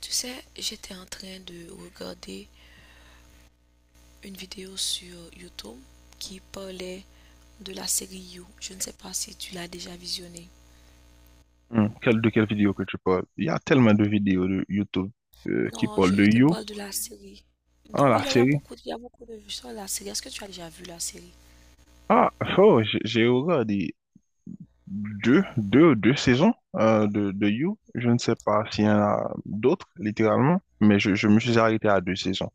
Tu sais, j'étais en train de regarder une vidéo sur YouTube qui parlait de la série You. Je ne sais pas si tu l'as déjà visionnée. De quelle vidéo que tu parles? Il y a tellement de vidéos de YouTube qui Non, parlent je, de je te You, parle de la série. ah, Non, oui, la il y a série. beaucoup, il y a beaucoup de vues sur la série. Est-ce que tu as déjà vu la série? Ah, oh, j'ai regardé deux saisons de You. Je ne sais pas s'il y en a d'autres, littéralement, mais je me suis arrêté à deux saisons.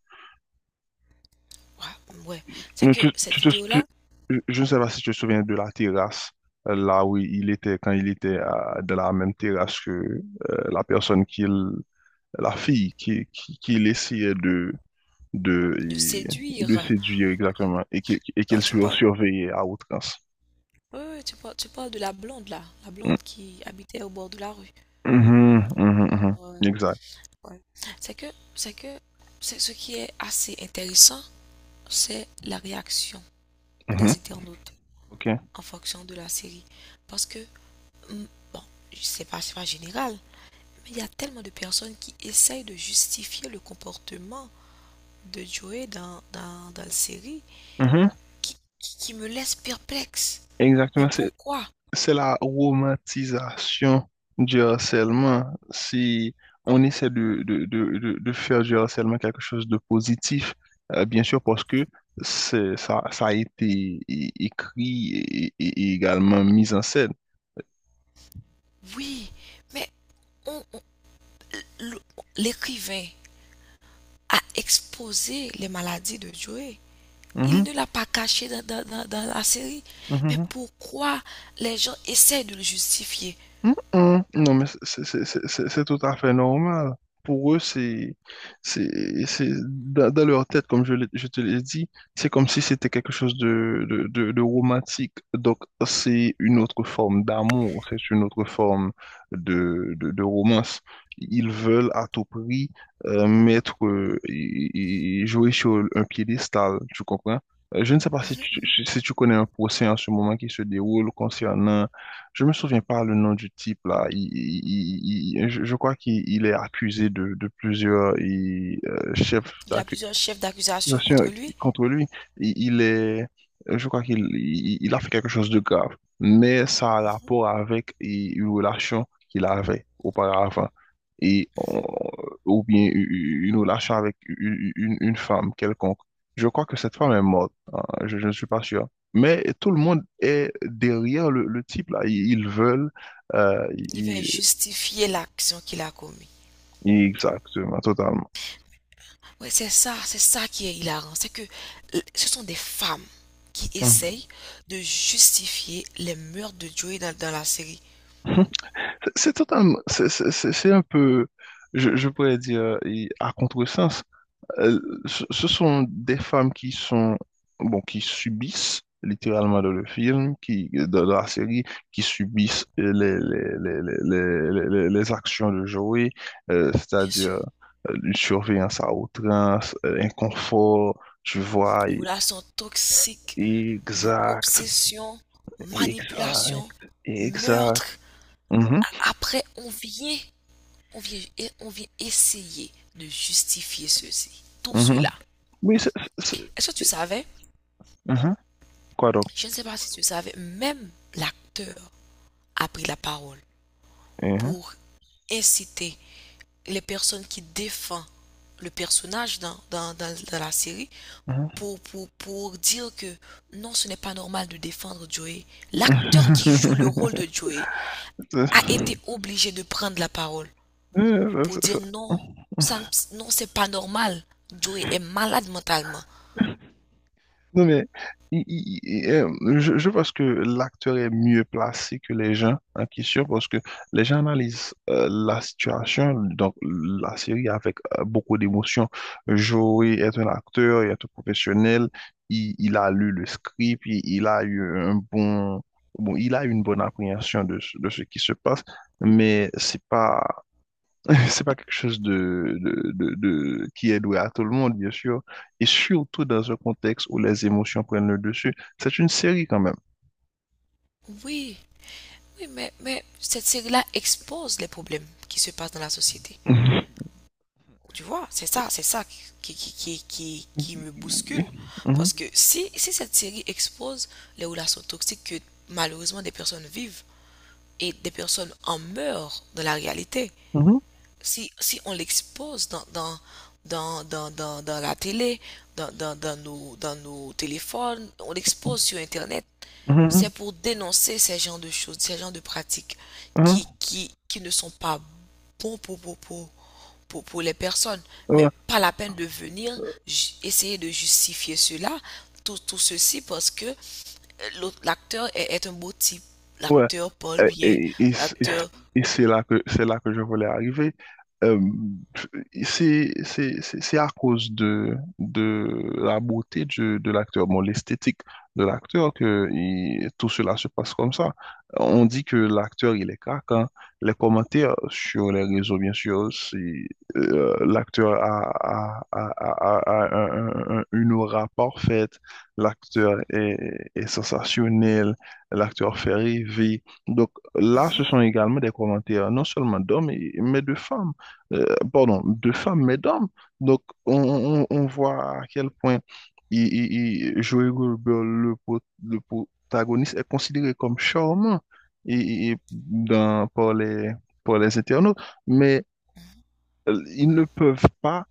Ouais, ouais. C'est Mais que cette vidéo-là, je ne sais pas si tu te souviens de la terrasse, là où il était, quand il était de la même terrasse que la personne qu'il, la fille qu'il essayait de de, de séduire. séduire exactement et qu'elle Non, tu soit parles. surveillée à outrance. Oui, oui, tu parles de la blonde là, la Mm. blonde qui habitait au bord de la rue. Mhm, mhm, mhm. Ouais, Exact. ouais. C'est que, c'est que, c'est ce qui est assez intéressant, c'est la réaction Mhm. des internautes OK. en fonction de la série. Parce que, bon, c'est pas général, mais il y a tellement de personnes qui essayent de justifier le comportement de Joey dans la série Mhm. qui me laisse perplexe. Mais Exactement. C'est, pourquoi? c'est la romantisation du harcèlement. Si on essaie de faire du harcèlement quelque chose de positif, bien sûr, parce que ça a été écrit et également mis en scène. Oui, mais on- on- le- l'écrivain a exposé les maladies de Joey. Il Mhm, ne l'a pas caché dans la série. mhm, Mais mhm. pourquoi les gens essayent de le justifier? Mm, mm. Non, mais c'est tout à fait normal. Pour eux, c'est, dans leur tête, comme je te l'ai dit, c'est comme si c'était quelque chose de romantique. Donc, c'est une autre forme d'amour, c'est une autre forme de romance. Ils veulent à tout prix mettre, et jouer sur un piédestal, tu comprends? Je ne sais pas si tu, Mhm. si si tu connais un procès en ce moment qui se déroule concernant je me souviens pas le nom du type là. Je crois qu'il il est accusé de plusieurs chefs Il y a d'accusations. plusieurs chefs Bien d'accusation sûr, contre lui. contre lui, il, il est, je crois qu'il il a fait quelque chose de grave, mais ça a rapport avec une relation qu'il avait auparavant, et, on- ou bien u- une relation avec une femme quelconque. Je crois que cette femme est morte, hein, je ne suis pas sûr. Mais tout le monde est derrière le type là, ils veulent, euh, Il va ils justifier l'action qu'il a commise. Exactement, totalement. Oui, c'est ça qui est hilarant. C'est que ce sont des femmes qui essayent de justifier les meurtres de Joey dans la série. Mhm. C'est totalement, c'est un peu, je pourrais dire, et à contresens. Euh, ce sont des femmes qui sont, bon, qui subissent littéralement dans le film, qui, dans la série, qui subissent les actions de Joey, Bien c'est-à-dire sûr. Une surveillance à outrance, un tu vois, Relations toxiques, exact, obsession, exact, manipulation, exact. meurtre. Mhm, Après, on vient, on vient essayer de justifier ceci, tout mhm. cela. Oui, c'est- c'est- Est-ce que tu savais? mhm. Quoi donc? Je ne sais pas si tu savais, même l'acteur a pris la parole Hein, pour inciter les personnes qui défendent le personnage dans la série hein. pour dire que non, ce n'est pas normal de défendre Joey. L'acteur qui joue le rôle de Joey Ça, ça, a été obligé de prendre la parole ça, pour dire ça. non, ça, non, c'est pas normal. Joey est malade mentalement. Non mais il- il- il- euh, je pense que l'acteur est mieux placé que les gens en question parce que les gens analysent la situation, donc la série avec beaucoup d'émotion. Joey est un acteur, il est un professionnel, il a lu le script, il a eu bon, il a une bonne appréhension de ce qui se passe, mais c'est pas C'est pas quelque chose qui est loué à tout le monde, bien sûr, et surtout dans un contexte où les émotions prennent le dessus. C'est une série quand même. Oui, oui, mais cette série-là expose les problèmes qui se passent dans la société. Mhm. Tu vois, c'est ça qui me bouscule. Mhm. Parce que si cette série expose les relations toxiques que malheureusement des personnes vivent et des personnes en meurent dans la réalité, Mhm. Si on l'expose dans la télé, dans nos téléphones, on l'expose sur Internet, Mhm. c'est pour dénoncer ces genres de choses, ces genres de pratiques qui, Mhm. qui, qui ne sont pas bons pour les personnes. Ouais. Mais pas la peine de venir essayer de justifier cela, tout ceci, parce que l'acteur est, est un beau type. Ouais, L'acteur parle euh, bien, et, et, c- et c- l'acteur... et c'est là que je voulais arriver. Euh, c'est à cause de la beauté de l'acteur, bon, l'esthétique de l'acteur que tout cela se passe comme ça. On dit que l'acteur, il est craquant. Les commentaires sur les réseaux, bien sûr, l'acteur a une aura parfaite, l'acteur est sensationnel. L'acteur Ferry vit. Donc là, ce sont également des commentaires non seulement d'hommes, mais de femmes. Euh, Pardon, de femmes, mais d'hommes. Donc on voit à quel point il, il- Joey Goldberg, le protagoniste, est considéré comme charmant et, et- dans, par les, par les internautes, mais ils ne peuvent pas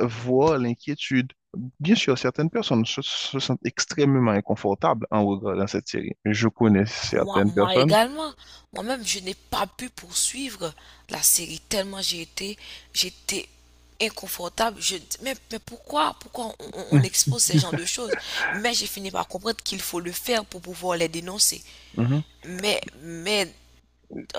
voient l'inquiétude. Bien sûr, certaines personnes se sentent extrêmement inconfortables en regardant cette série. Je connais Moi, certaines moi personnes. également, moi-même, je n'ai pas pu poursuivre la série tellement j'étais inconfortable. Je, mais pourquoi, pourquoi on expose ces genres de choses? Mais j'ai fini par comprendre qu'il faut le faire pour pouvoir les dénoncer. Mhm. Mais,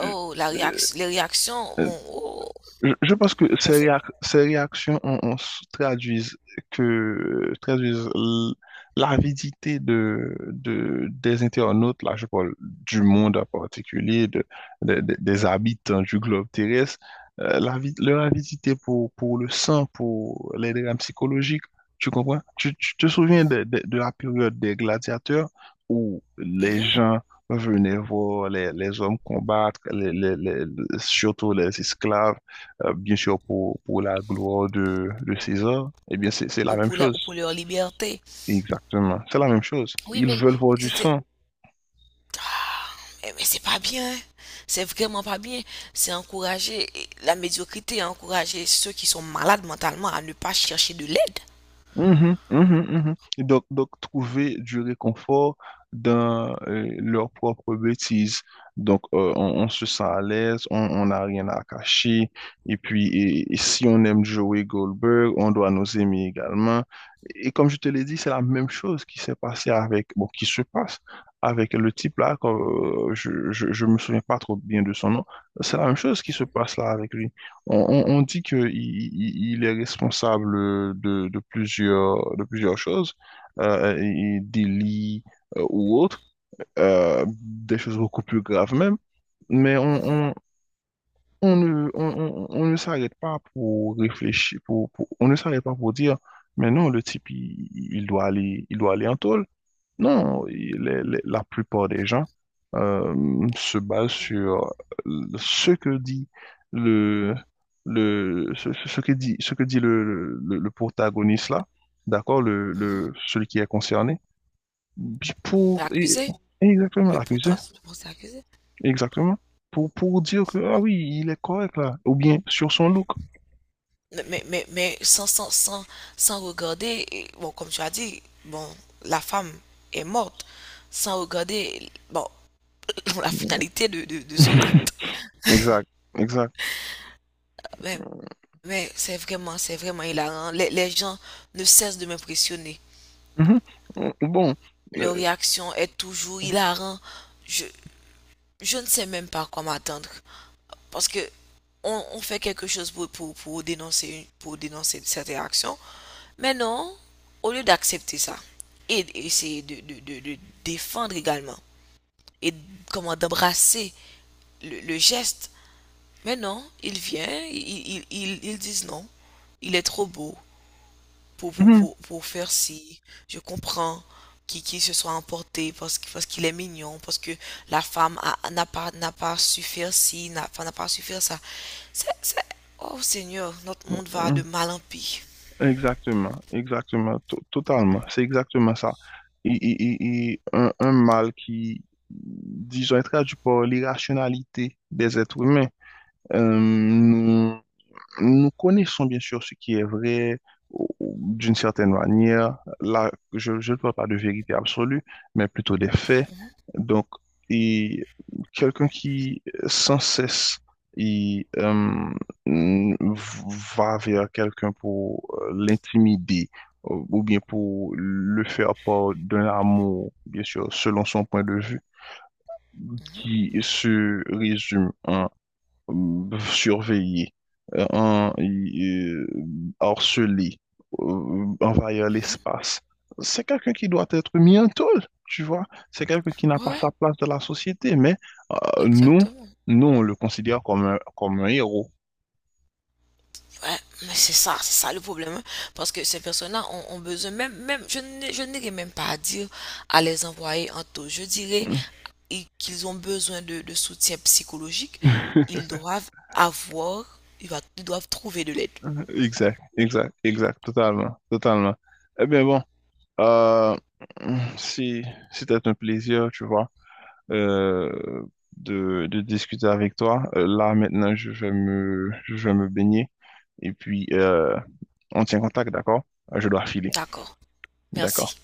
oh, la Euh, réaction, les réactions, euh, mon, oh, je pense que on fait... ces réactions traduisent que traduisent l'avidité de des internautes, là je parle du monde en particulier, des habitants du globe terrestre, leur avidité pour le sang, pour les drames psychologiques, tu comprends? Tu te souviens de la période des gladiateurs où les Mhm. gens venaient voir les hommes combattre, surtout les esclaves bien sûr pour la gloire de César, eh bien c'est la Ou même pour la, chose. ou pour leur liberté. Exactement, c'est la même chose. Oui, Ils mais veulent voir du c'était... sang. Eh, mais c'est pas bien, hein. C'est vraiment pas bien. C'est encourager la médiocrité, encourager ceux qui sont malades mentalement à ne pas chercher de l'aide. Mhm, mhm, mhm. Et donc, trouver du réconfort dans leur propre bêtise. Donc, on se sent à l'aise, on n'a rien à cacher. Et puis, si on aime Joey Goldberg, on doit nous aimer également. Et comme je te l'ai dit, c'est la même chose qui s'est passée avec, bon, qui se passe avec le type là, quand, je me souviens pas trop bien de son nom. C'est la même chose qui se passe là avec lui. On dit qu'il il est responsable de plusieurs choses, et délits, ou autres, des choses beaucoup plus graves même, mais on, Mhm, on, on ne, on, on- on ne s'arrête pas pour réfléchir, on ne s'arrête pas pour dire, mais non, le type, il doit aller en taule. Non, la plupart des gens euh, se basent sur ce que dit le, le protagoniste là, d'accord, mhm. le celui qui est concerné, puis pour et, L'accuser, exactement le l'accusé, potentiel, bon, c'est accusé. exactement pour dire que ah oui il est correct là, ou bien sur son look. Mais, sans, sans, sans, sans regarder, et, bon, comme tu as dit, bon, la femme est morte sans regarder, bon, la finalité de son acte. Exact, exact. Mais, mais c'est vraiment hilarant. Les gens ne cessent de m'impressionner. Mhm. Bon, Leur euh, réaction est toujours hilarant. Je, je ne sais même pas à quoi m'attendre. Parce que on fait quelque chose pour dénoncer, pour dénoncer cette réaction. Mais non, au lieu d'accepter ça et d'essayer de défendre également et comment d'embrasser le geste. Mais non, il vient, ils disent non, il est trop beau, pour faire ci, je comprends qu'il se soit emporté parce qu'il est mignon, parce que n'a pas, n'a pas su faire ci, n'a enfin, n'a pas su faire ça. C'est... Oh Seigneur, notre monde va de mhm. mal en pis. Exactement, exactement, totalement. C'est exactement ça. Et un mal qui, disons, est traduit par l'irrationalité des êtres humains. Euh, Nous connaissons bien sûr ce qui est vrai ou d'une certaine manière. Là, je ne parle pas de vérité absolue, mais plutôt des faits. Mhm, Donc, et quelqu'un qui sans cesse il, euh, mm, va vers quelqu'un pour l'intimider ou bien pour le faire part d'un amour, bien sûr, selon son point de vue, mhm, qui se résume surveiller, euh, en- euh, harceler, envahir mhm. l'espace. C'est quelqu'un qui doit être mis en taule, tu vois. C'est quelqu'un qui n'a pas Ouais, sa place dans la société, mais euh, nous, exactement. nous, on le considère comme comme un héros. Ouais, mais c'est ça le problème, hein. Parce que ces personnes-là ont, ont besoin, même, je n'irai même pas à dire à les envoyer en taux. Je dirais qu'ils ont besoin de soutien psychologique. Ils doivent avoir, ils doivent trouver de l'aide. Exact, exact, exact, totalement, totalement. Eh bien bon, euh, si c'était un plaisir, tu vois. euh, de, de, discuter avec toi. Là, maintenant, je vais me baigner et puis on tient contact, d'accord? Je dois filer, D'accord. d'accord? Merci.